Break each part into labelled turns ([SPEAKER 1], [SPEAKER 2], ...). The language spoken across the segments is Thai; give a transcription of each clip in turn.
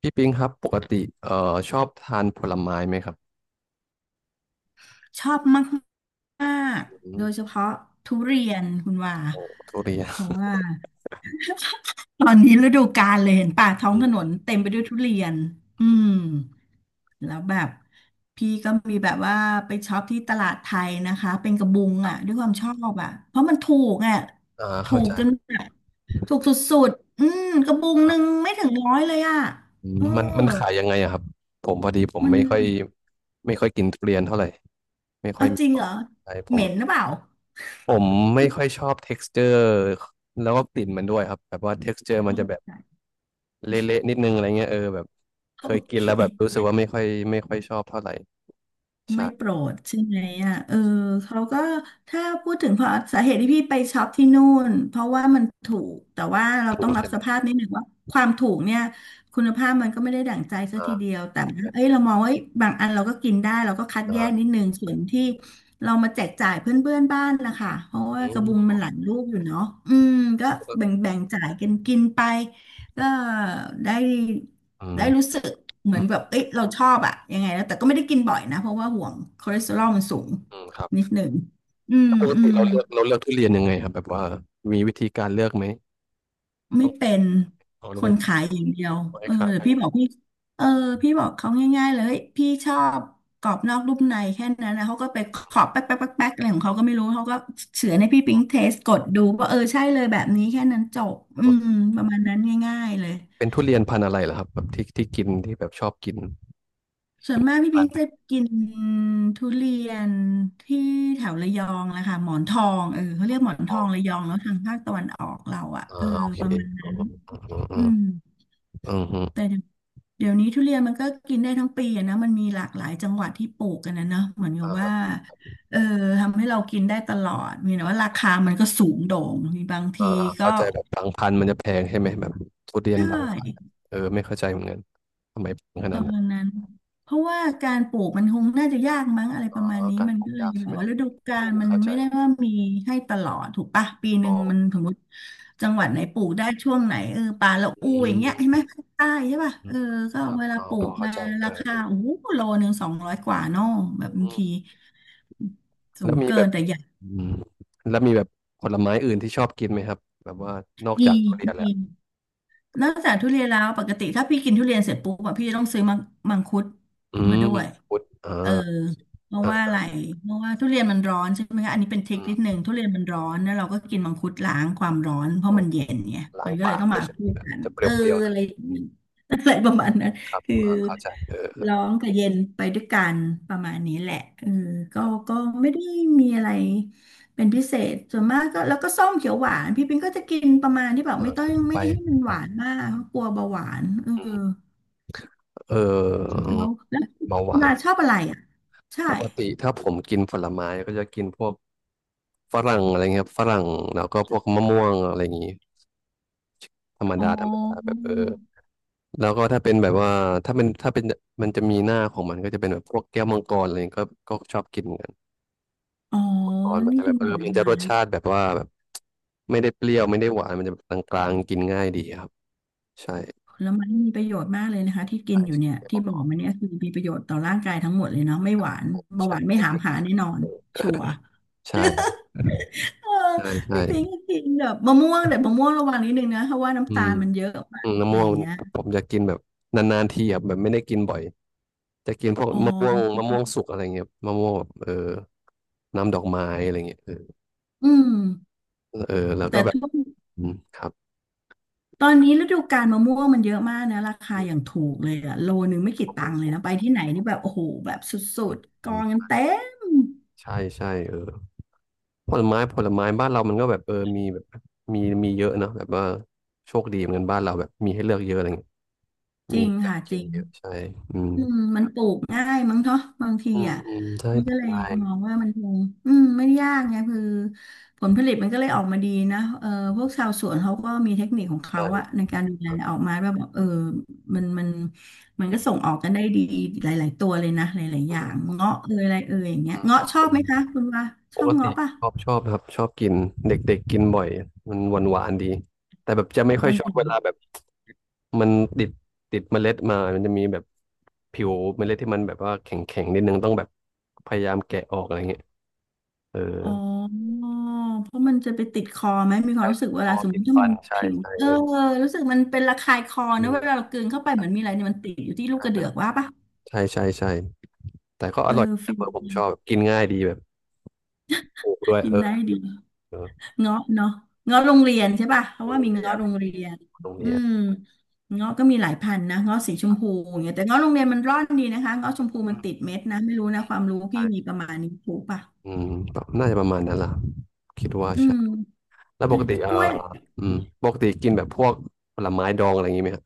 [SPEAKER 1] พี่ปิงครับปกติเอ่อชอบทานผลไม้ไหมครับ
[SPEAKER 2] ชอบมากมาก
[SPEAKER 1] อื
[SPEAKER 2] โด
[SPEAKER 1] ม
[SPEAKER 2] ยเฉพาะทุเรียนคุณว่า
[SPEAKER 1] โอ้ทุเรียน
[SPEAKER 2] เพราะว่าตอนนี้ฤดูกาลเลยเห็นป่าท้อง
[SPEAKER 1] อื
[SPEAKER 2] ถนน
[SPEAKER 1] ม
[SPEAKER 2] เต็มไปด้วยทุเรียนอืมแล้วแบบพี่ก็มีแบบว่าไปช็อปที่ตลาดไทยนะคะเป็นกระบุงอ่ะด้วยความชอบอ่ะเพราะมันถูกอ่ะ
[SPEAKER 1] อ่า
[SPEAKER 2] ถู
[SPEAKER 1] เข้า
[SPEAKER 2] ก
[SPEAKER 1] ใจ
[SPEAKER 2] จนแบบถูกสุดๆอืมกระบุง
[SPEAKER 1] ค
[SPEAKER 2] ห
[SPEAKER 1] รั
[SPEAKER 2] นึ่ง
[SPEAKER 1] บ
[SPEAKER 2] ไม่ถึงร้อยเลยอ่ะ
[SPEAKER 1] อืม
[SPEAKER 2] เออ
[SPEAKER 1] มันขายยังไงอะครับผมพอดีผม
[SPEAKER 2] มัน
[SPEAKER 1] ไม่ค่อยไม่ค่อยกินทุเรียนเท่าไหร่ไม่ค่อย
[SPEAKER 2] เอา
[SPEAKER 1] มี
[SPEAKER 2] จริ
[SPEAKER 1] ค
[SPEAKER 2] ง
[SPEAKER 1] วา
[SPEAKER 2] เห
[SPEAKER 1] ม
[SPEAKER 2] รอ
[SPEAKER 1] ใช่ผ
[SPEAKER 2] เห
[SPEAKER 1] ม
[SPEAKER 2] ม็นหรือเปล่า
[SPEAKER 1] ผมไม่ค่อยชอบ texture แล้วก็กลิ่นมันด้วยครับแบบว่า texture มันจะแบบ เละๆนิดนึงอะไรเงี้ยเออแบบเค
[SPEAKER 2] โอ
[SPEAKER 1] ยกิน
[SPEAKER 2] เค
[SPEAKER 1] แล้วแบบรู้สึกว่าไม่ค่อยชอบเท่าไหร่
[SPEAKER 2] ไม่โป
[SPEAKER 1] ใช่
[SPEAKER 2] รดใช่ไหมอ่ะเออเขาก็ถ้าพูดถึงเพราะสาเหตุที่พี่ไปช็อปที่นู่นเพราะว่ามันถูกแต่ว่าเรา
[SPEAKER 1] ถู
[SPEAKER 2] ต้
[SPEAKER 1] ก
[SPEAKER 2] องรับ
[SPEAKER 1] ใช่ไหม
[SPEAKER 2] สภาพนิดหนึ่งว่าความถูกเนี่ยคุณภาพมันก็ไม่ได้ดั่งใจซะทีเดี
[SPEAKER 1] อ่า
[SPEAKER 2] ยวแต่ว่าเอ้ยเรามองว่าเอ้ยบางอันเราก็กินได้เราก็คัด
[SPEAKER 1] อ่
[SPEAKER 2] แยกนิ
[SPEAKER 1] า
[SPEAKER 2] ดนึงส่วนที่เรามาแจกจ่ายเพื่อนๆบ้านนะคะเพราะว่า
[SPEAKER 1] อื
[SPEAKER 2] กระ
[SPEAKER 1] ม
[SPEAKER 2] บุงมันหลายลูกอยู่เนาะอืมก็แบ่งๆจ่ายกันกินไปก็ได้
[SPEAKER 1] อืม
[SPEAKER 2] ได้รู้สึกเหมื
[SPEAKER 1] อื
[SPEAKER 2] อน
[SPEAKER 1] ม
[SPEAKER 2] แบบเอ้ยเราชอบอะยังไงแล้วแต่ก็ไม่ได้กินบ่อยนะ เพราะว่าห่วงคอเลสเตอรอลมันสูง
[SPEAKER 1] อืมครั
[SPEAKER 2] นิด
[SPEAKER 1] บ
[SPEAKER 2] หนึ่งอืม
[SPEAKER 1] ปก
[SPEAKER 2] อื
[SPEAKER 1] ติ
[SPEAKER 2] ม
[SPEAKER 1] เราเลือกทุเรียนยังไงครับแบบว่ามีวิธีการเลือกไหม
[SPEAKER 2] ไม่
[SPEAKER 1] ต้อง
[SPEAKER 2] เป็น
[SPEAKER 1] เอาล
[SPEAKER 2] ค
[SPEAKER 1] งไป
[SPEAKER 2] นขายอย่างเดียว
[SPEAKER 1] ปล่อย
[SPEAKER 2] เอ
[SPEAKER 1] ให้
[SPEAKER 2] อ
[SPEAKER 1] ขาย
[SPEAKER 2] แต่
[SPEAKER 1] อะไรอ
[SPEAKER 2] พี่
[SPEAKER 1] ย่าง
[SPEAKER 2] บ
[SPEAKER 1] เงี้
[SPEAKER 2] อ
[SPEAKER 1] ย
[SPEAKER 2] กพี่เออพี่บอกเขาง่ายๆเลยเฮ้ยพี่ชอบกรอบนอกนุ่มในแค่นั้นนะเขาก็ไปขอบแป๊กแป๊กแป๊กแป๊กอะไรของเขาก็ไม่รู้ เขาก็เฉือนให้พี่ปิ๊งเทสกดดูว่าเออใช่เลยแบบนี้แค่นั้นจบอืมประมาณนั้นง่ายๆเลย
[SPEAKER 1] เป็นทุเรียนพันธุ์อะไรเหรอครับแบบที่ที่กินที่แบบชอบกิน
[SPEAKER 2] ส่วนมากพี่
[SPEAKER 1] ร้า
[SPEAKER 2] พิ
[SPEAKER 1] น
[SPEAKER 2] ง
[SPEAKER 1] ไห
[SPEAKER 2] จะ
[SPEAKER 1] น
[SPEAKER 2] กินทุเรียนที่แถวระยองแหละค่ะหมอนทองเออเขาเรียกหมอน
[SPEAKER 1] พ
[SPEAKER 2] ท
[SPEAKER 1] อ
[SPEAKER 2] องระยองแล้วทางภาคตะวันออกเราอะเออ
[SPEAKER 1] อ่าโอเค
[SPEAKER 2] ประมาณนั้น
[SPEAKER 1] อื
[SPEAKER 2] อื
[SPEAKER 1] ม
[SPEAKER 2] ม
[SPEAKER 1] อืมอืมอืมอื
[SPEAKER 2] แต่
[SPEAKER 1] ม
[SPEAKER 2] เดี๋ยวเดี๋ยวนี้ทุเรียนมันก็กินได้ทั้งปีอะนะมันมีหลากหลายจังหวัดที่ปลูกกันนะเนาะเหมือนกับว่า
[SPEAKER 1] อ่า
[SPEAKER 2] เออทำให้เรากินได้ตลอดมีแต่ว่าราคามันก็สูงโด่งมีบาง
[SPEAKER 1] อ่า
[SPEAKER 2] ทีก็
[SPEAKER 1] เข้าใจแบบบางพันธุ์มันจะแพงใช่ไหมแบบทุเรียน
[SPEAKER 2] ใช่
[SPEAKER 1] บางพันธุ์เออไม่เข้าใจเหมือนกันทำไมแพงข
[SPEAKER 2] ป
[SPEAKER 1] นาด
[SPEAKER 2] ระ
[SPEAKER 1] นั้
[SPEAKER 2] มา
[SPEAKER 1] น
[SPEAKER 2] ณนั้นเพราะว่าการปลูกมันคงน่าจะยากมั้งอะไร
[SPEAKER 1] อ๋
[SPEAKER 2] ป
[SPEAKER 1] อ
[SPEAKER 2] ระมาณนี้
[SPEAKER 1] การ
[SPEAKER 2] มัน
[SPEAKER 1] ปลู
[SPEAKER 2] ก็
[SPEAKER 1] ก
[SPEAKER 2] เลย
[SPEAKER 1] ยากใช่
[SPEAKER 2] แบบ
[SPEAKER 1] ไหม
[SPEAKER 2] ว่าฤดูกา
[SPEAKER 1] ผม
[SPEAKER 2] ลมัน
[SPEAKER 1] เข้าใจ
[SPEAKER 2] ไม่ได้ว่ามีให้ตลอดถูกปะปีห
[SPEAKER 1] อ๋
[SPEAKER 2] นึ่
[SPEAKER 1] อ
[SPEAKER 2] งมันสมมติจังหวั
[SPEAKER 1] อ
[SPEAKER 2] ด
[SPEAKER 1] อ
[SPEAKER 2] ไหนปลูกได้ช่วงไหนเออปลาละอู
[SPEAKER 1] อื
[SPEAKER 2] อย่างเงี้ยใช่ไห
[SPEAKER 1] ม
[SPEAKER 2] มภาคใต้ใช่ป่ะ
[SPEAKER 1] อื
[SPEAKER 2] เอ
[SPEAKER 1] ม
[SPEAKER 2] อก็
[SPEAKER 1] ครับ
[SPEAKER 2] เวลา
[SPEAKER 1] อ๋อ
[SPEAKER 2] ปลู
[SPEAKER 1] พอ
[SPEAKER 2] ก
[SPEAKER 1] เข้า
[SPEAKER 2] มา
[SPEAKER 1] ใจเอ
[SPEAKER 2] รา
[SPEAKER 1] อ
[SPEAKER 2] คาโอ้โหโลหนึ่ง200กว่าเนอะแบบบาง
[SPEAKER 1] อื
[SPEAKER 2] ที
[SPEAKER 1] มแล้
[SPEAKER 2] สู
[SPEAKER 1] ว
[SPEAKER 2] ง
[SPEAKER 1] มีแบ
[SPEAKER 2] เกิน
[SPEAKER 1] บ
[SPEAKER 2] แต่อยาก
[SPEAKER 1] อืมแล้วมีแบบผลไม้อื่นที่ชอบกินไหมครับแบบว่านอก
[SPEAKER 2] มี
[SPEAKER 1] จากทุเรียนแล้
[SPEAKER 2] มี
[SPEAKER 1] ว
[SPEAKER 2] นอกจากทุเรียนแล้วปกติถ้าพี่กินทุเรียนเสร็จปุ๊บอะพี่จะต้องซื้อมังคุด
[SPEAKER 1] อื
[SPEAKER 2] มา
[SPEAKER 1] ม
[SPEAKER 2] ด้วย
[SPEAKER 1] พุดอ่า
[SPEAKER 2] เออเพราะ
[SPEAKER 1] อ่
[SPEAKER 2] ว่าอะ
[SPEAKER 1] า
[SPEAKER 2] ไรเพราะว่าทุเรียนมันร้อนใช่ไหมคะอันนี้เป็นเท
[SPEAKER 1] อื
[SPEAKER 2] คนิคนิด
[SPEAKER 1] ม
[SPEAKER 2] นึงทุเรียนมันร้อนแล้วเราก็กินมังคุดล้างความร้อนเพราะ
[SPEAKER 1] ออ
[SPEAKER 2] มั
[SPEAKER 1] ก
[SPEAKER 2] นเย็นไง
[SPEAKER 1] ล้า
[SPEAKER 2] มั
[SPEAKER 1] ง
[SPEAKER 2] นก็เล
[SPEAKER 1] ปา
[SPEAKER 2] ย
[SPEAKER 1] ก
[SPEAKER 2] ต้อง
[SPEAKER 1] เล
[SPEAKER 2] มา
[SPEAKER 1] ยใช่ไหม
[SPEAKER 2] คู่
[SPEAKER 1] แบบ
[SPEAKER 2] กัน
[SPEAKER 1] จะเปร
[SPEAKER 2] เออ
[SPEAKER 1] ี้ยวๆห
[SPEAKER 2] อะ
[SPEAKER 1] นะ
[SPEAKER 2] ไรอย่างนี้อะไรประมาณนั้น
[SPEAKER 1] ครับ
[SPEAKER 2] คือ
[SPEAKER 1] อ่าเข้าใจเออ
[SPEAKER 2] ร้อนกับเย็นไปด้วยกันประมาณนี้แหละเออก็ก็ไม่ได้มีอะไร เป็นพิเศษส่วนมากก็แล้วก็ส้มเขียวหวานพี่ปิงก็จะกินประมาณที่แบบ
[SPEAKER 1] เอ
[SPEAKER 2] ไม่
[SPEAKER 1] อ
[SPEAKER 2] ต้อง
[SPEAKER 1] กินเข้า
[SPEAKER 2] ไม่
[SPEAKER 1] ไป
[SPEAKER 2] ให้มันห
[SPEAKER 1] อื
[SPEAKER 2] วา
[SPEAKER 1] ม
[SPEAKER 2] นมากเพราะกลัวเบาหวานเออ
[SPEAKER 1] อืมเออ
[SPEAKER 2] แล้ว
[SPEAKER 1] เบาหวาน
[SPEAKER 2] นาชอบอะไรอ่ะใช่
[SPEAKER 1] ปกติถ้าผมกินผลไม้ก็จะกินพวกฝรั่งอะไรเงี้ยครับฝรั่งแล้วก็พวกมะม่วงอะไรอย่างงี้ธรรม
[SPEAKER 2] อ๋อ
[SPEAKER 1] ดาธรรมดาแบบเออ แล้วก็ถ้าเป็นแบบว่าถ้าเป็นมันจะมีหน้าของมันก็จะเป็นแบบพวกแก้วมังกรอะไรเงี้ยก็ชอบกินเหมือนกัน
[SPEAKER 2] อ๋อ
[SPEAKER 1] มังกรมัน
[SPEAKER 2] นี่
[SPEAKER 1] จะแบ
[SPEAKER 2] กิ
[SPEAKER 1] บ
[SPEAKER 2] น
[SPEAKER 1] เออ
[SPEAKER 2] ผล
[SPEAKER 1] มันจะ
[SPEAKER 2] ไม้
[SPEAKER 1] รสชาติแบบว่าแบบไม่ได้เปรี้ยวไม่ได้หวานมันจะกลางๆกินง่ายดีครับใช่
[SPEAKER 2] ผลไม้มีประโยชน์มากเลยนะคะที่กิน
[SPEAKER 1] ใช่
[SPEAKER 2] อยู่เนี่ย
[SPEAKER 1] แก้ว
[SPEAKER 2] ที่
[SPEAKER 1] มัง
[SPEAKER 2] บ
[SPEAKER 1] ก
[SPEAKER 2] อก
[SPEAKER 1] ร
[SPEAKER 2] มาเนี่ยคือมีประโยชน์ต่อร่างกายทั้งหมดเลยเนาะไม่หวานเบาห
[SPEAKER 1] ใช่
[SPEAKER 2] วานไม่
[SPEAKER 1] ไม่
[SPEAKER 2] หา
[SPEAKER 1] แพ
[SPEAKER 2] ม
[SPEAKER 1] งก
[SPEAKER 2] หา
[SPEAKER 1] ว่า
[SPEAKER 2] แน่นอนชัวร์
[SPEAKER 1] ใช่
[SPEAKER 2] เออ
[SPEAKER 1] ใช่ใช่
[SPEAKER 2] พี่ปิงก็กินแบบมะม่วงแต่มะม่วงระวังนิดนึงนะเพราะว่า
[SPEAKER 1] อื
[SPEAKER 2] น้ำตา
[SPEAKER 1] ม
[SPEAKER 2] ลมันเยอะมา
[SPEAKER 1] อื
[SPEAKER 2] ก
[SPEAKER 1] มมะ
[SPEAKER 2] อะไร
[SPEAKER 1] ม่ว
[SPEAKER 2] อ
[SPEAKER 1] ง
[SPEAKER 2] ย่างเงี้ย
[SPEAKER 1] ผมจะกินแบบนานๆทีครับแบบไม่ได้กินบ่อยจะกินพวก
[SPEAKER 2] อ๋อ
[SPEAKER 1] มะม่วงมะม่วงสุกอะไรเงี้ยมะม่วงแบบเออน้ำดอกไม้อะไรเงี้ยเออ
[SPEAKER 2] อืม
[SPEAKER 1] เออแล้ว
[SPEAKER 2] แต่
[SPEAKER 1] ก็แบบ
[SPEAKER 2] ทุก
[SPEAKER 1] อืมครับ
[SPEAKER 2] ตอนนี้ฤดูกาลมะม่วงมันเยอะมากนะราคาอย่างถูกเลยอะโลนึงไม่กี่ตังค์เลยนะไปที่ไหนนี่แบบโอ้โหแบบสุ
[SPEAKER 1] อ
[SPEAKER 2] ดๆก
[SPEAKER 1] ื
[SPEAKER 2] องกัน
[SPEAKER 1] ม
[SPEAKER 2] เต็ม
[SPEAKER 1] ใช่ใช่เออผลไม้ผลไม้บ้านเรามันก็แบบเออมีแบบมีมีเยอะเนอะแบบว่าโชคดีเหมือนกันบ้านเราแบบมีให้เลือกเยอะอะไรเงี้ย
[SPEAKER 2] จ
[SPEAKER 1] มี
[SPEAKER 2] ริ
[SPEAKER 1] ให้
[SPEAKER 2] ง
[SPEAKER 1] เลือก
[SPEAKER 2] ค่ะจ
[SPEAKER 1] กิน
[SPEAKER 2] ริง
[SPEAKER 1] เยอะใช่อืม
[SPEAKER 2] อืมมันปลูกง่ายมั้งเนาะบางที
[SPEAKER 1] อืม
[SPEAKER 2] อ่ะ
[SPEAKER 1] อืมใช่
[SPEAKER 2] นี่
[SPEAKER 1] ผ
[SPEAKER 2] ก็
[SPEAKER 1] ล
[SPEAKER 2] เลย
[SPEAKER 1] ไม้
[SPEAKER 2] มองว่ามันคงอืมไม่ได้ยากไงคือผลผลิตมันก็เลยออกมาดีนะเออ
[SPEAKER 1] อื
[SPEAKER 2] พวก
[SPEAKER 1] ม
[SPEAKER 2] ชาวสวนเขาก็มีเทคนิคของเขา
[SPEAKER 1] ใช่
[SPEAKER 2] อะในการดูแล
[SPEAKER 1] ครับ
[SPEAKER 2] ออกมาว่าแบบเออมันมันมันก็ส่งออกกันได้ดีหลายๆตัวเลยนะหลายๆอ
[SPEAKER 1] อื
[SPEAKER 2] ย่าง
[SPEAKER 1] ม
[SPEAKER 2] เงาะเอยอะไรเอยอย่างเงี้ย
[SPEAKER 1] อืมข
[SPEAKER 2] เงาะ
[SPEAKER 1] อบ
[SPEAKER 2] ชอ
[SPEAKER 1] คุ
[SPEAKER 2] บ
[SPEAKER 1] ณ
[SPEAKER 2] ไหมคะคุณว่าช
[SPEAKER 1] ป
[SPEAKER 2] อ
[SPEAKER 1] ก
[SPEAKER 2] บ
[SPEAKER 1] ติ
[SPEAKER 2] เงาะป่ะ
[SPEAKER 1] ชอบชอบครับชอบกินเด็กๆกินบ่อยมันหวานหวานดีแต่แบบจะไม่ค่อยชอบเวลา
[SPEAKER 2] ออ
[SPEAKER 1] แบบมันติดติดเมล็ดมามันจะมีแบบผิวเมล็ดที่มันแบบว่าแข็งแข็งนิดนึงต้องแบบพยายามแกะออกอะไรเงี้ย เออ
[SPEAKER 2] อ๋อ เพราะมันจะไปติดคอไหมมีควา
[SPEAKER 1] ใช่
[SPEAKER 2] มรู้สึกเว
[SPEAKER 1] คอ
[SPEAKER 2] ลาสมม
[SPEAKER 1] ติด
[SPEAKER 2] ติถ้า
[SPEAKER 1] ฟั
[SPEAKER 2] มัน
[SPEAKER 1] นใช่
[SPEAKER 2] ผิว
[SPEAKER 1] ใช่เออ
[SPEAKER 2] รู้สึกมันเป็นระคายคอ
[SPEAKER 1] อื
[SPEAKER 2] นะ
[SPEAKER 1] ม
[SPEAKER 2] เวลาเรากลืนเข้าไปเหมือนมีอะไรเนี่ยมันติดอยู่ที่ลูกกระเดือกว่าปะ
[SPEAKER 1] ใช่ใช่ใช่แต่ก็อ
[SPEAKER 2] เออ
[SPEAKER 1] ร่อยแต
[SPEAKER 2] ฟิน
[SPEAKER 1] เบอร์ผมชอบแบบกินง่ายดีแบบถูกด้วยเออ
[SPEAKER 2] ได้ดี
[SPEAKER 1] เออ
[SPEAKER 2] เงาะเนาะเงาะโรงเรียนใช่ป่ะเพราะว่า
[SPEAKER 1] โรง
[SPEAKER 2] มี
[SPEAKER 1] เรีย
[SPEAKER 2] เงาะ
[SPEAKER 1] น
[SPEAKER 2] โรงเรียน
[SPEAKER 1] โรง
[SPEAKER 2] อื
[SPEAKER 1] เรียน
[SPEAKER 2] มเงาะก็มีหลายพันธุ์นะเงาะสีชมพูอย่างเงี้ยแต่เงาะโรงเรียนมันร่อนดีนะคะเงาะชมพู
[SPEAKER 1] อื
[SPEAKER 2] มัน
[SPEAKER 1] ม
[SPEAKER 2] ติดเม็ดนะไม่รู้นะความรู้พี่มีป
[SPEAKER 1] ใช่
[SPEAKER 2] ระมาณนี้ถูกป่ะ
[SPEAKER 1] อืมน่าจะประมาณนั้นล่ะคิดว่า
[SPEAKER 2] อื
[SPEAKER 1] ใช่
[SPEAKER 2] ม
[SPEAKER 1] แล้วป
[SPEAKER 2] ใช่
[SPEAKER 1] กติ
[SPEAKER 2] แต่
[SPEAKER 1] เอ
[SPEAKER 2] ก
[SPEAKER 1] อ
[SPEAKER 2] ล้วย
[SPEAKER 1] อืมปกติกินแบบพวกผลไม้ดองอะไรอย่างงี้ไหมครับ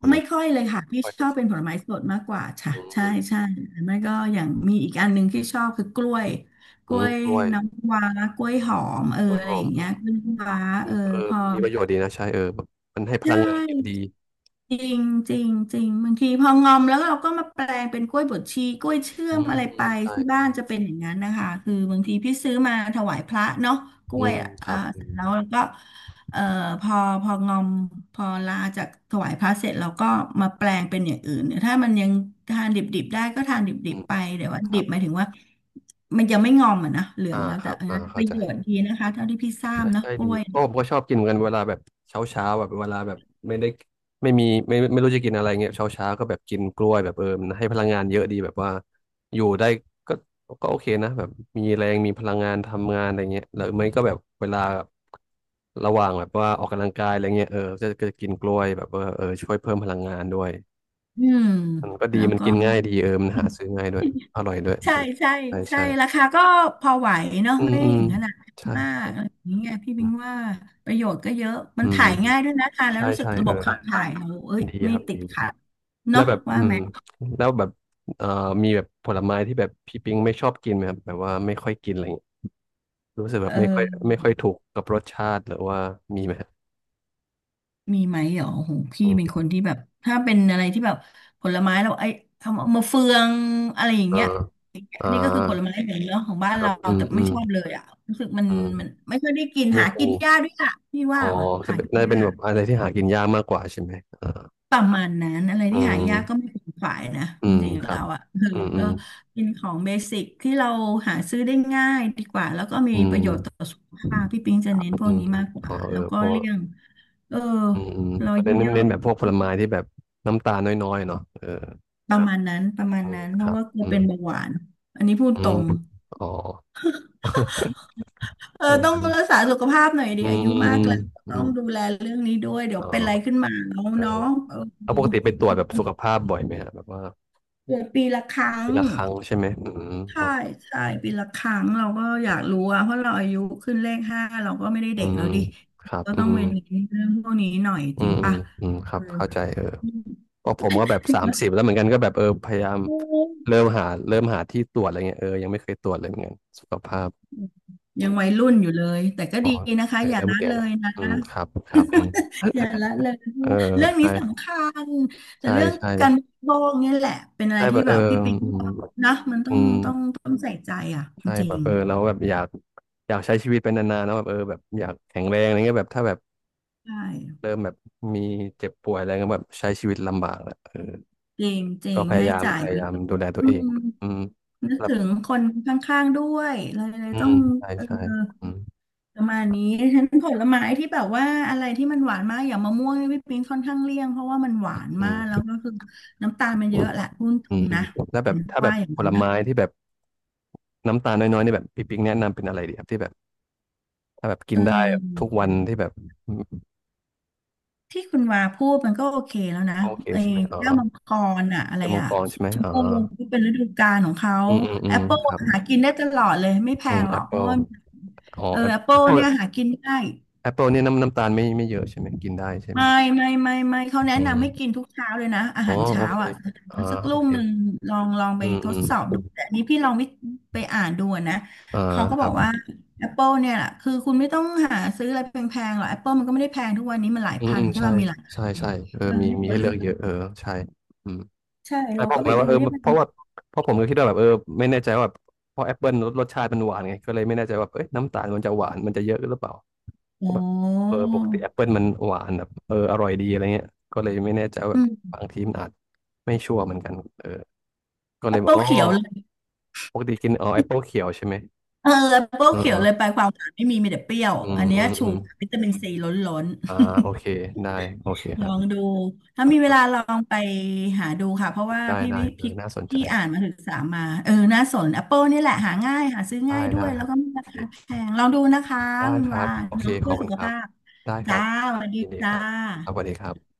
[SPEAKER 1] ผล
[SPEAKER 2] ไม่
[SPEAKER 1] ไม้
[SPEAKER 2] ค่อยเลยค่ะพี่
[SPEAKER 1] ก
[SPEAKER 2] ช
[SPEAKER 1] ล้ว
[SPEAKER 2] อ
[SPEAKER 1] ย
[SPEAKER 2] บเป็นผลไม้สดมากกว่าค่ะ
[SPEAKER 1] อื
[SPEAKER 2] ใช่
[SPEAKER 1] ม
[SPEAKER 2] ใช่หรือไม่ก็อย่างมีอีกอันหนึ่งที่ชอบคือกล้วยก
[SPEAKER 1] อื
[SPEAKER 2] ล้ว
[SPEAKER 1] ม
[SPEAKER 2] ย
[SPEAKER 1] กล้วย
[SPEAKER 2] น้ำว้ากล้วยหอม
[SPEAKER 1] กล้วย
[SPEAKER 2] อะ
[SPEAKER 1] ห
[SPEAKER 2] ไร
[SPEAKER 1] อ
[SPEAKER 2] อ
[SPEAKER 1] ม
[SPEAKER 2] ย่างเงี้ยกล้วยน้ำว้า
[SPEAKER 1] อื
[SPEAKER 2] เอ
[SPEAKER 1] ม
[SPEAKER 2] อ
[SPEAKER 1] เออ
[SPEAKER 2] พอ
[SPEAKER 1] มีประโยชน์ดีนะใช่เออแบบมันให้พ
[SPEAKER 2] ใช
[SPEAKER 1] ลังงานเยอะดี
[SPEAKER 2] ่ จริงจริงจริงบางทีพองอมแล้วเราก็มาแปลงเป็นกล้วยบวชชีกล้วยเชื่อ
[SPEAKER 1] อื
[SPEAKER 2] ม
[SPEAKER 1] ม
[SPEAKER 2] อะไร
[SPEAKER 1] อื
[SPEAKER 2] ไป
[SPEAKER 1] มใช่
[SPEAKER 2] ที่
[SPEAKER 1] อื
[SPEAKER 2] บ้าน
[SPEAKER 1] ม
[SPEAKER 2] จะเป็นอย่างนั้นนะคะคือบางทีพี่ซื้อมาถวายพระเนาะกล้
[SPEAKER 1] อื
[SPEAKER 2] วย
[SPEAKER 1] ม
[SPEAKER 2] อ่ะ
[SPEAKER 1] ครับอื
[SPEAKER 2] เสร็จ
[SPEAKER 1] ม
[SPEAKER 2] แล้วก็เอ่อพอพองอมพอลาจากถวายพระเสร็จเราก็มาแปลงเป็นอย่างอื่นถ้ามันยังทานดิบๆได้ก็ทานดิ
[SPEAKER 1] อื
[SPEAKER 2] บ
[SPEAKER 1] ม
[SPEAKER 2] ๆไปแต่วว่า
[SPEAKER 1] ค
[SPEAKER 2] ดิ
[SPEAKER 1] รั
[SPEAKER 2] บ
[SPEAKER 1] บ
[SPEAKER 2] หมายถึงว่ามันยังไม่งอมอ่ะนะเหลือ
[SPEAKER 1] อ่า
[SPEAKER 2] งแล้ว
[SPEAKER 1] ค
[SPEAKER 2] แต่
[SPEAKER 1] รับ
[SPEAKER 2] อัน
[SPEAKER 1] อ่า
[SPEAKER 2] นั้นป
[SPEAKER 1] เข้า
[SPEAKER 2] ระ
[SPEAKER 1] ใจ
[SPEAKER 2] โยชน์ดีนะคะเท่าที่พี่ทราบ
[SPEAKER 1] ใช่
[SPEAKER 2] เนาะ
[SPEAKER 1] ใช่
[SPEAKER 2] กล้
[SPEAKER 1] ดี
[SPEAKER 2] วย
[SPEAKER 1] โอ้ผมก็ชอบกินเหมือนกันเวลาแบบเช้าเช้าแบบเวลาแบบไม่ได้ไม่มีไม่ไม่รู้จะกินอะไรเงี้ยเช้าเช้าก็แบบกินกล้วยแบบเออมันให้พลังงานเยอะดีแบบว่าอยู่ได้ก็ก็โอเคนะแบบมีแรงมีพลังงานทำงานอะไรเงี้ยหรือไม่ก็แบบเวลาระหว่างแบบว่าออกกำลังกายอะไรเงี้ยเออก็จะกินกล้วยแบบว่าเออช่วยเพิ่มพลังงานด้วย
[SPEAKER 2] อืม
[SPEAKER 1] มันก็ดี
[SPEAKER 2] แล้ว
[SPEAKER 1] มัน
[SPEAKER 2] ก็
[SPEAKER 1] กินง่ายดีเออมันหาซื้อง่ายด้วยอร่อยด้วย
[SPEAKER 2] ใช่
[SPEAKER 1] เออ
[SPEAKER 2] ใช่
[SPEAKER 1] ใช่
[SPEAKER 2] ใช่
[SPEAKER 1] ใช่
[SPEAKER 2] ราคาก็พอไหวเนาะ
[SPEAKER 1] อื
[SPEAKER 2] ไม่
[SPEAKER 1] มอืม
[SPEAKER 2] ถึงขนาด
[SPEAKER 1] ใช่
[SPEAKER 2] มาก
[SPEAKER 1] ใช่
[SPEAKER 2] อะไรอย่างเงี้ยพี่
[SPEAKER 1] อื
[SPEAKER 2] บิ
[SPEAKER 1] ม
[SPEAKER 2] งว่าประโยชน์ก็เยอะมั
[SPEAKER 1] อื
[SPEAKER 2] น
[SPEAKER 1] ม
[SPEAKER 2] ถ่ายง่ายด้วยนะคะแล้ว
[SPEAKER 1] ใช่
[SPEAKER 2] รู้สึก
[SPEAKER 1] ใช่
[SPEAKER 2] ระ
[SPEAKER 1] เอ
[SPEAKER 2] บ
[SPEAKER 1] อ
[SPEAKER 2] บขับถ่ายเราเอ้ย
[SPEAKER 1] ดี
[SPEAKER 2] ไม่
[SPEAKER 1] ครับ
[SPEAKER 2] ติ
[SPEAKER 1] ดี
[SPEAKER 2] ดขัด
[SPEAKER 1] แล้ว
[SPEAKER 2] เนาะ
[SPEAKER 1] แบบ
[SPEAKER 2] ว่า
[SPEAKER 1] อื
[SPEAKER 2] ไห
[SPEAKER 1] ม
[SPEAKER 2] ม
[SPEAKER 1] แล้วแบบเอ่อมีแบบผลไม้ที่แบบพี่ปิงไม่ชอบกินไหมครับแบบว่าไม่ค่อยกินอะไรอย่างเงี้ยรู้สึกแบ
[SPEAKER 2] เอ
[SPEAKER 1] บไม่ค่อย
[SPEAKER 2] อ
[SPEAKER 1] ไม่ค่อยถูกกับรสชาติหรือว่ามีไหมครับ
[SPEAKER 2] มีไหมเหรอโอโหพี่
[SPEAKER 1] อื
[SPEAKER 2] เป็น
[SPEAKER 1] ม
[SPEAKER 2] คนที่แบบถ้าเป็นอะไรที่แบบผลไม้เราไอ้คำว่ามะเฟืองอะไรอย่าง
[SPEAKER 1] เออ
[SPEAKER 2] เงี้ย
[SPEAKER 1] อ่า
[SPEAKER 2] อันนี้ก็คือผลไม้เหมือนเนาะของบ้า
[SPEAKER 1] ค
[SPEAKER 2] น
[SPEAKER 1] รั
[SPEAKER 2] เรา
[SPEAKER 1] บอืม
[SPEAKER 2] แต่
[SPEAKER 1] อื
[SPEAKER 2] ไม่
[SPEAKER 1] ม
[SPEAKER 2] ชอบเลยอ่ะรู้สึก
[SPEAKER 1] อื
[SPEAKER 2] มัน
[SPEAKER 1] ม
[SPEAKER 2] ไม่ค่อยได้กิน
[SPEAKER 1] ไม่
[SPEAKER 2] หา
[SPEAKER 1] ค่อ
[SPEAKER 2] กิ
[SPEAKER 1] ย
[SPEAKER 2] น
[SPEAKER 1] มี
[SPEAKER 2] ยากด้วยอ่ะพี่
[SPEAKER 1] อ๋
[SPEAKER 2] ว่า
[SPEAKER 1] อ
[SPEAKER 2] ว่ะ
[SPEAKER 1] จะ
[SPEAKER 2] หา
[SPEAKER 1] เป็นน่าจะเป็นแบบอะไรที่หากินยากมากกว่าใช่ไหมอ่า
[SPEAKER 2] ประมาณนั้นอะไร
[SPEAKER 1] อื
[SPEAKER 2] ที่หายากก็
[SPEAKER 1] ม
[SPEAKER 2] ไม่เป็นฝ่ายนะ
[SPEAKER 1] อื
[SPEAKER 2] จ
[SPEAKER 1] ม
[SPEAKER 2] ริงๆ
[SPEAKER 1] ค
[SPEAKER 2] แล้
[SPEAKER 1] รับ
[SPEAKER 2] วอ่ะคือ
[SPEAKER 1] อืมอื
[SPEAKER 2] ก็
[SPEAKER 1] ม
[SPEAKER 2] กินของเบสิกที่เราหาซื้อได้ง่ายดีกว่าแล้วก็มี
[SPEAKER 1] อื
[SPEAKER 2] ป
[SPEAKER 1] ม
[SPEAKER 2] ระโยชน์ต่อสุขภาพพี่ปิงจะเน้นพ
[SPEAKER 1] อื
[SPEAKER 2] วก
[SPEAKER 1] ม
[SPEAKER 2] นี้มากก
[SPEAKER 1] อ๋อ
[SPEAKER 2] ว่า
[SPEAKER 1] เอ
[SPEAKER 2] แล้
[SPEAKER 1] อ
[SPEAKER 2] วก็
[SPEAKER 1] เพราะว่า
[SPEAKER 2] เลี่ยงเออ
[SPEAKER 1] อืมอืม
[SPEAKER 2] เรา
[SPEAKER 1] เขา
[SPEAKER 2] อายุ
[SPEAKER 1] เน้น
[SPEAKER 2] เยอะ
[SPEAKER 1] เน้นแบบพวกผ
[SPEAKER 2] ๆ
[SPEAKER 1] ลไม้ที่แบบน้ำตาลน้อยๆเนาะเออ
[SPEAKER 2] ประมาณ
[SPEAKER 1] อืม
[SPEAKER 2] นั้นเพ
[SPEAKER 1] ค
[SPEAKER 2] ราะ
[SPEAKER 1] รับ
[SPEAKER 2] ว่ากลัว
[SPEAKER 1] อื
[SPEAKER 2] เป็
[SPEAKER 1] ม
[SPEAKER 2] นเบาหวานอันนี้พูด
[SPEAKER 1] อื
[SPEAKER 2] ตร
[SPEAKER 1] ม
[SPEAKER 2] ง
[SPEAKER 1] อ๋อเอ
[SPEAKER 2] ต้อง
[SPEAKER 1] อ
[SPEAKER 2] รักษาสุขภาพหน่อยดิ
[SPEAKER 1] อื
[SPEAKER 2] อา
[SPEAKER 1] ม
[SPEAKER 2] ยุ
[SPEAKER 1] อืม
[SPEAKER 2] มา
[SPEAKER 1] อื
[SPEAKER 2] ก
[SPEAKER 1] ม
[SPEAKER 2] แล้ว
[SPEAKER 1] อื
[SPEAKER 2] ต้องดู
[SPEAKER 1] ม
[SPEAKER 2] แลเรื่องนี้ด้วยเดี๋ยว
[SPEAKER 1] อ๋
[SPEAKER 2] เป็นอะไรขึ้
[SPEAKER 1] อ
[SPEAKER 2] นมาน้อง
[SPEAKER 1] เออ
[SPEAKER 2] เนาะเออ
[SPEAKER 1] แล้วปกติไปตรวจแบบสุขภาพบ่อยไหมฮะแบบว่า
[SPEAKER 2] เกิดปีละครั้ง
[SPEAKER 1] ปีละครั้งใช่ไหมอืม
[SPEAKER 2] ใช่
[SPEAKER 1] อ๋อ
[SPEAKER 2] ใช่ปีละครั้งเราก็อยากรู้อะเพราะเราอายุขึ้นเลขห้าเราก็ไม่ได้
[SPEAKER 1] อื
[SPEAKER 2] เด็ก
[SPEAKER 1] ม
[SPEAKER 2] แล้วดิ
[SPEAKER 1] ครับ
[SPEAKER 2] ก็
[SPEAKER 1] อื
[SPEAKER 2] ต้อง
[SPEAKER 1] ม
[SPEAKER 2] เว้นเรื่องพวกนี้หน่อย
[SPEAKER 1] อื
[SPEAKER 2] จริง
[SPEAKER 1] ม
[SPEAKER 2] ปะ
[SPEAKER 1] อืมค
[SPEAKER 2] เอ
[SPEAKER 1] รั
[SPEAKER 2] อ
[SPEAKER 1] บเข้าใจเออเพราะผมก็แบบ
[SPEAKER 2] ถึง
[SPEAKER 1] สาม
[SPEAKER 2] ว่า
[SPEAKER 1] สิบแล้วเหมือนกันก็แบบเออพยายาม
[SPEAKER 2] โอ้
[SPEAKER 1] เริ่มหาที่ตรวจอะไรเงี้ยเออยังไม่เคยตรวจเลยเหมือนกันสุขภาพอื
[SPEAKER 2] ยัง
[SPEAKER 1] ม
[SPEAKER 2] วัยรุ่นอยู่เลยแต่ก็
[SPEAKER 1] อ๋อ
[SPEAKER 2] ดีนะคะ
[SPEAKER 1] แต่
[SPEAKER 2] อย่า
[SPEAKER 1] เริ่ม
[SPEAKER 2] ละ
[SPEAKER 1] แก่
[SPEAKER 2] เล
[SPEAKER 1] ละ
[SPEAKER 2] ยนะ
[SPEAKER 1] อืมครับค รับอืม
[SPEAKER 2] อย่าละเลยเพ
[SPEAKER 1] เอ
[SPEAKER 2] ราะ
[SPEAKER 1] อ
[SPEAKER 2] ว่าเรื่องนี้
[SPEAKER 1] ใช่
[SPEAKER 2] สำคัญแต่
[SPEAKER 1] ใช่
[SPEAKER 2] เรื่อง
[SPEAKER 1] ใช่
[SPEAKER 2] การบริโภคเนี่ยแหละเป็นอะไร
[SPEAKER 1] ใช่
[SPEAKER 2] ที่
[SPEAKER 1] ป่ะเอ
[SPEAKER 2] แบ
[SPEAKER 1] อ
[SPEAKER 2] บพี่ปิ๊ง
[SPEAKER 1] อื
[SPEAKER 2] บ
[SPEAKER 1] ม
[SPEAKER 2] อกนะมัน
[SPEAKER 1] อืม
[SPEAKER 2] ต้องใส่ใจอ่ะจ
[SPEAKER 1] ใช่
[SPEAKER 2] ริ
[SPEAKER 1] แบบ
[SPEAKER 2] ง
[SPEAKER 1] เออเราแบบอยากอยากใช้ชีวิตไปนานๆนะแบบเออแบบอยากแข็งแรงอะไรเงี้ยแบบถ้าแบบ
[SPEAKER 2] ๆใช่
[SPEAKER 1] เริ่มแบบมีเจ็บป่วยอะไรเงี้ยแบบใช้ชีวิตลำบากแหละเออ
[SPEAKER 2] จริงจริ
[SPEAKER 1] ก็
[SPEAKER 2] ง
[SPEAKER 1] พยา
[SPEAKER 2] ให้
[SPEAKER 1] ยาม
[SPEAKER 2] จ่า
[SPEAKER 1] พ
[SPEAKER 2] ย
[SPEAKER 1] ยา
[SPEAKER 2] เย
[SPEAKER 1] ยา
[SPEAKER 2] อะ
[SPEAKER 1] มดูแลตัว
[SPEAKER 2] อื
[SPEAKER 1] เอ
[SPEAKER 2] ม
[SPEAKER 1] งอืม
[SPEAKER 2] นึก
[SPEAKER 1] แล้ว
[SPEAKER 2] ถึงคนข้างๆด้วยเลย
[SPEAKER 1] อื
[SPEAKER 2] ต้อ
[SPEAKER 1] ม
[SPEAKER 2] ง
[SPEAKER 1] ใช่
[SPEAKER 2] เออ
[SPEAKER 1] ใช่อืม
[SPEAKER 2] ประมาณนี้ฉะนันผลไม้ที่แบบว่าอะไรที่มันหวานมากอย่างมะม่วงนี่พี่ปิงค่อนข้างเลี่ยงเพราะว่ามันหวานมา
[SPEAKER 1] อืม
[SPEAKER 2] กแล้วก็คือน้ำตาลมัน
[SPEAKER 1] อ
[SPEAKER 2] เยอะแหละพูดต
[SPEAKER 1] ื
[SPEAKER 2] ร
[SPEAKER 1] ม
[SPEAKER 2] ง
[SPEAKER 1] อื
[SPEAKER 2] นะ
[SPEAKER 1] มแล้วแบ
[SPEAKER 2] เป็
[SPEAKER 1] บ
[SPEAKER 2] นเพ
[SPEAKER 1] ถ้า
[SPEAKER 2] ราะ
[SPEAKER 1] แบ
[SPEAKER 2] ว่า
[SPEAKER 1] บ
[SPEAKER 2] อย่าง
[SPEAKER 1] ผ
[SPEAKER 2] นั้
[SPEAKER 1] ล
[SPEAKER 2] นนะ
[SPEAKER 1] ไม้ที่แบบน้ำตาลน้อยๆนี่แบบพี่ปิ๊กแนะนำเป็นอะไรดีครับที่แบบถ้าแบบกิ
[SPEAKER 2] เอ
[SPEAKER 1] นได้ทุ
[SPEAKER 2] อ
[SPEAKER 1] กวันที่แบบอืม
[SPEAKER 2] ที่คุณวาพูดมันก็โอเคแล้วนะ
[SPEAKER 1] โอเค
[SPEAKER 2] ไอ้
[SPEAKER 1] ใช่ไหมอ๋อ
[SPEAKER 2] แก้วมังกรอะอะไร
[SPEAKER 1] แก้วมัง
[SPEAKER 2] อะ
[SPEAKER 1] กรใช่ไหม
[SPEAKER 2] ชม
[SPEAKER 1] อ๋อ
[SPEAKER 2] พูที่เป็นฤดูกาลของเขา
[SPEAKER 1] อืมอืมอื
[SPEAKER 2] แอ
[SPEAKER 1] ม
[SPEAKER 2] ปเปิล
[SPEAKER 1] ครับ
[SPEAKER 2] หากินได้ตลอดเลยไม่แพ
[SPEAKER 1] อืม
[SPEAKER 2] งหร
[SPEAKER 1] แอ
[SPEAKER 2] อก
[SPEAKER 1] ป
[SPEAKER 2] เพ
[SPEAKER 1] เปิ
[SPEAKER 2] ราะ
[SPEAKER 1] ล
[SPEAKER 2] ว่า
[SPEAKER 1] อ๋อแอป
[SPEAKER 2] แอปเปิล
[SPEAKER 1] เปิล
[SPEAKER 2] เนี่ยหากินได้
[SPEAKER 1] แอปเปิลเนี่ยน้ำตาลไม่เยอะใช่ไหมกินได้ใช่ไหม
[SPEAKER 2] ไม่ไม่ไม่เขาแนะ
[SPEAKER 1] อืม
[SPEAKER 2] นำให้กินทุกเช้าเลยนะอา
[SPEAKER 1] อ๋อ
[SPEAKER 2] หาร
[SPEAKER 1] โอ
[SPEAKER 2] เช้า
[SPEAKER 1] เค
[SPEAKER 2] อ่ะ
[SPEAKER 1] อ่า
[SPEAKER 2] สัก
[SPEAKER 1] โอ
[SPEAKER 2] ลูก
[SPEAKER 1] เค
[SPEAKER 2] หนึ่งลองไป
[SPEAKER 1] อืม
[SPEAKER 2] ท
[SPEAKER 1] อื
[SPEAKER 2] ด
[SPEAKER 1] ม
[SPEAKER 2] สอบดูแต่อันนี้พี่ลองไปอ่านดูอะนะ
[SPEAKER 1] อ่า
[SPEAKER 2] เขาก็
[SPEAKER 1] ค
[SPEAKER 2] บ
[SPEAKER 1] รั
[SPEAKER 2] อก
[SPEAKER 1] บ
[SPEAKER 2] ว่า Apple เนี่ยแหละคือคุณไม่ต้องหาซื้ออะไรแพงๆหรอก Apple มันก็ไม่ได้แพงทุกวันนี้มันหลาย
[SPEAKER 1] อืม
[SPEAKER 2] พั
[SPEAKER 1] อื
[SPEAKER 2] น
[SPEAKER 1] ม
[SPEAKER 2] ใช่
[SPEAKER 1] ใช่
[SPEAKER 2] ป่ะมีหลาย
[SPEAKER 1] ใช่ใช่เออมี
[SPEAKER 2] ไม่ต้
[SPEAKER 1] มี
[SPEAKER 2] อง
[SPEAKER 1] ให้
[SPEAKER 2] เลื
[SPEAKER 1] เลื
[SPEAKER 2] อ
[SPEAKER 1] อ
[SPEAKER 2] ก
[SPEAKER 1] กเยอะเออใช่อืม
[SPEAKER 2] ใช่
[SPEAKER 1] แต่
[SPEAKER 2] เรา
[SPEAKER 1] พอ
[SPEAKER 2] ก็
[SPEAKER 1] ผม
[SPEAKER 2] ไป
[SPEAKER 1] แล้ว
[SPEAKER 2] ดู
[SPEAKER 1] ว่าเออ
[SPEAKER 2] ที่มัน
[SPEAKER 1] เพราะ
[SPEAKER 2] มี
[SPEAKER 1] ว่าเพราะผมก็คิดว่าแบบเออไม่แน่ใจว่าแบบเพราะแอปเปิลรสชาติมันหวานไงก็เลยไม่แน่ใจว่าเอ้ยน้ำตาลมันจะหวานมันจะเยอะหรือเปล่าเพ
[SPEAKER 2] อ๋
[SPEAKER 1] ราะแบบเอ
[SPEAKER 2] อ
[SPEAKER 1] อปกติแอปเปิลมันหวานแบบเอออร่อยดีอะไรเงี้ยก็เลยไม่แน่ใจว่าแบ
[SPEAKER 2] อื
[SPEAKER 1] บ
[SPEAKER 2] ม
[SPEAKER 1] บางทีมันอาจไม่ชัวร์เหมือนกันเออก็เลยบอก
[SPEAKER 2] Apple
[SPEAKER 1] อ๋อ
[SPEAKER 2] เขียวเลย
[SPEAKER 1] ปกติกินอ๋อแอปเปิลเขียวใช่ไหม
[SPEAKER 2] เออ Apple
[SPEAKER 1] อื
[SPEAKER 2] เขียว
[SPEAKER 1] ม
[SPEAKER 2] เลยไปความหวานไม่มีมีแต่เปรี้ยว
[SPEAKER 1] อืม
[SPEAKER 2] อันเนี้
[SPEAKER 1] อื
[SPEAKER 2] ย
[SPEAKER 1] ม
[SPEAKER 2] ชู
[SPEAKER 1] อืม
[SPEAKER 2] วิตามินซีล้น
[SPEAKER 1] อ่า
[SPEAKER 2] ๆ
[SPEAKER 1] โอเคได้โอเคค
[SPEAKER 2] ล
[SPEAKER 1] รั
[SPEAKER 2] อง
[SPEAKER 1] บ
[SPEAKER 2] ดูถ้ามีเวลาลองไปหาดูค่ะเพราะว่า
[SPEAKER 1] ได้
[SPEAKER 2] พี่
[SPEAKER 1] ได้
[SPEAKER 2] วิ
[SPEAKER 1] เออ
[SPEAKER 2] พี่
[SPEAKER 1] น่าสนใจ
[SPEAKER 2] พี่อ่านมาศึกษามาน่าสน Apple นี่แหละหาง่ายหาซื้อง่า
[SPEAKER 1] ได้
[SPEAKER 2] ยด้ว
[SPEAKER 1] ได้
[SPEAKER 2] ย
[SPEAKER 1] ค
[SPEAKER 2] แล้ว
[SPEAKER 1] รับ
[SPEAKER 2] ก็ไม่
[SPEAKER 1] โอ
[SPEAKER 2] รา
[SPEAKER 1] เค
[SPEAKER 2] คาแพงลองดูนะคะ
[SPEAKER 1] ได้
[SPEAKER 2] คุณ
[SPEAKER 1] ครั
[SPEAKER 2] วา
[SPEAKER 1] บ
[SPEAKER 2] น
[SPEAKER 1] โอเค
[SPEAKER 2] เนาะ
[SPEAKER 1] ขอ
[SPEAKER 2] เพื่อ
[SPEAKER 1] บคุ
[SPEAKER 2] สุ
[SPEAKER 1] ณ
[SPEAKER 2] ข
[SPEAKER 1] ครับ
[SPEAKER 2] ภาพ
[SPEAKER 1] ได้ค
[SPEAKER 2] จ้า
[SPEAKER 1] รับ
[SPEAKER 2] สวัสดี
[SPEAKER 1] ยินดีค
[SPEAKER 2] จ้า
[SPEAKER 1] รับครับสวัสดีครับ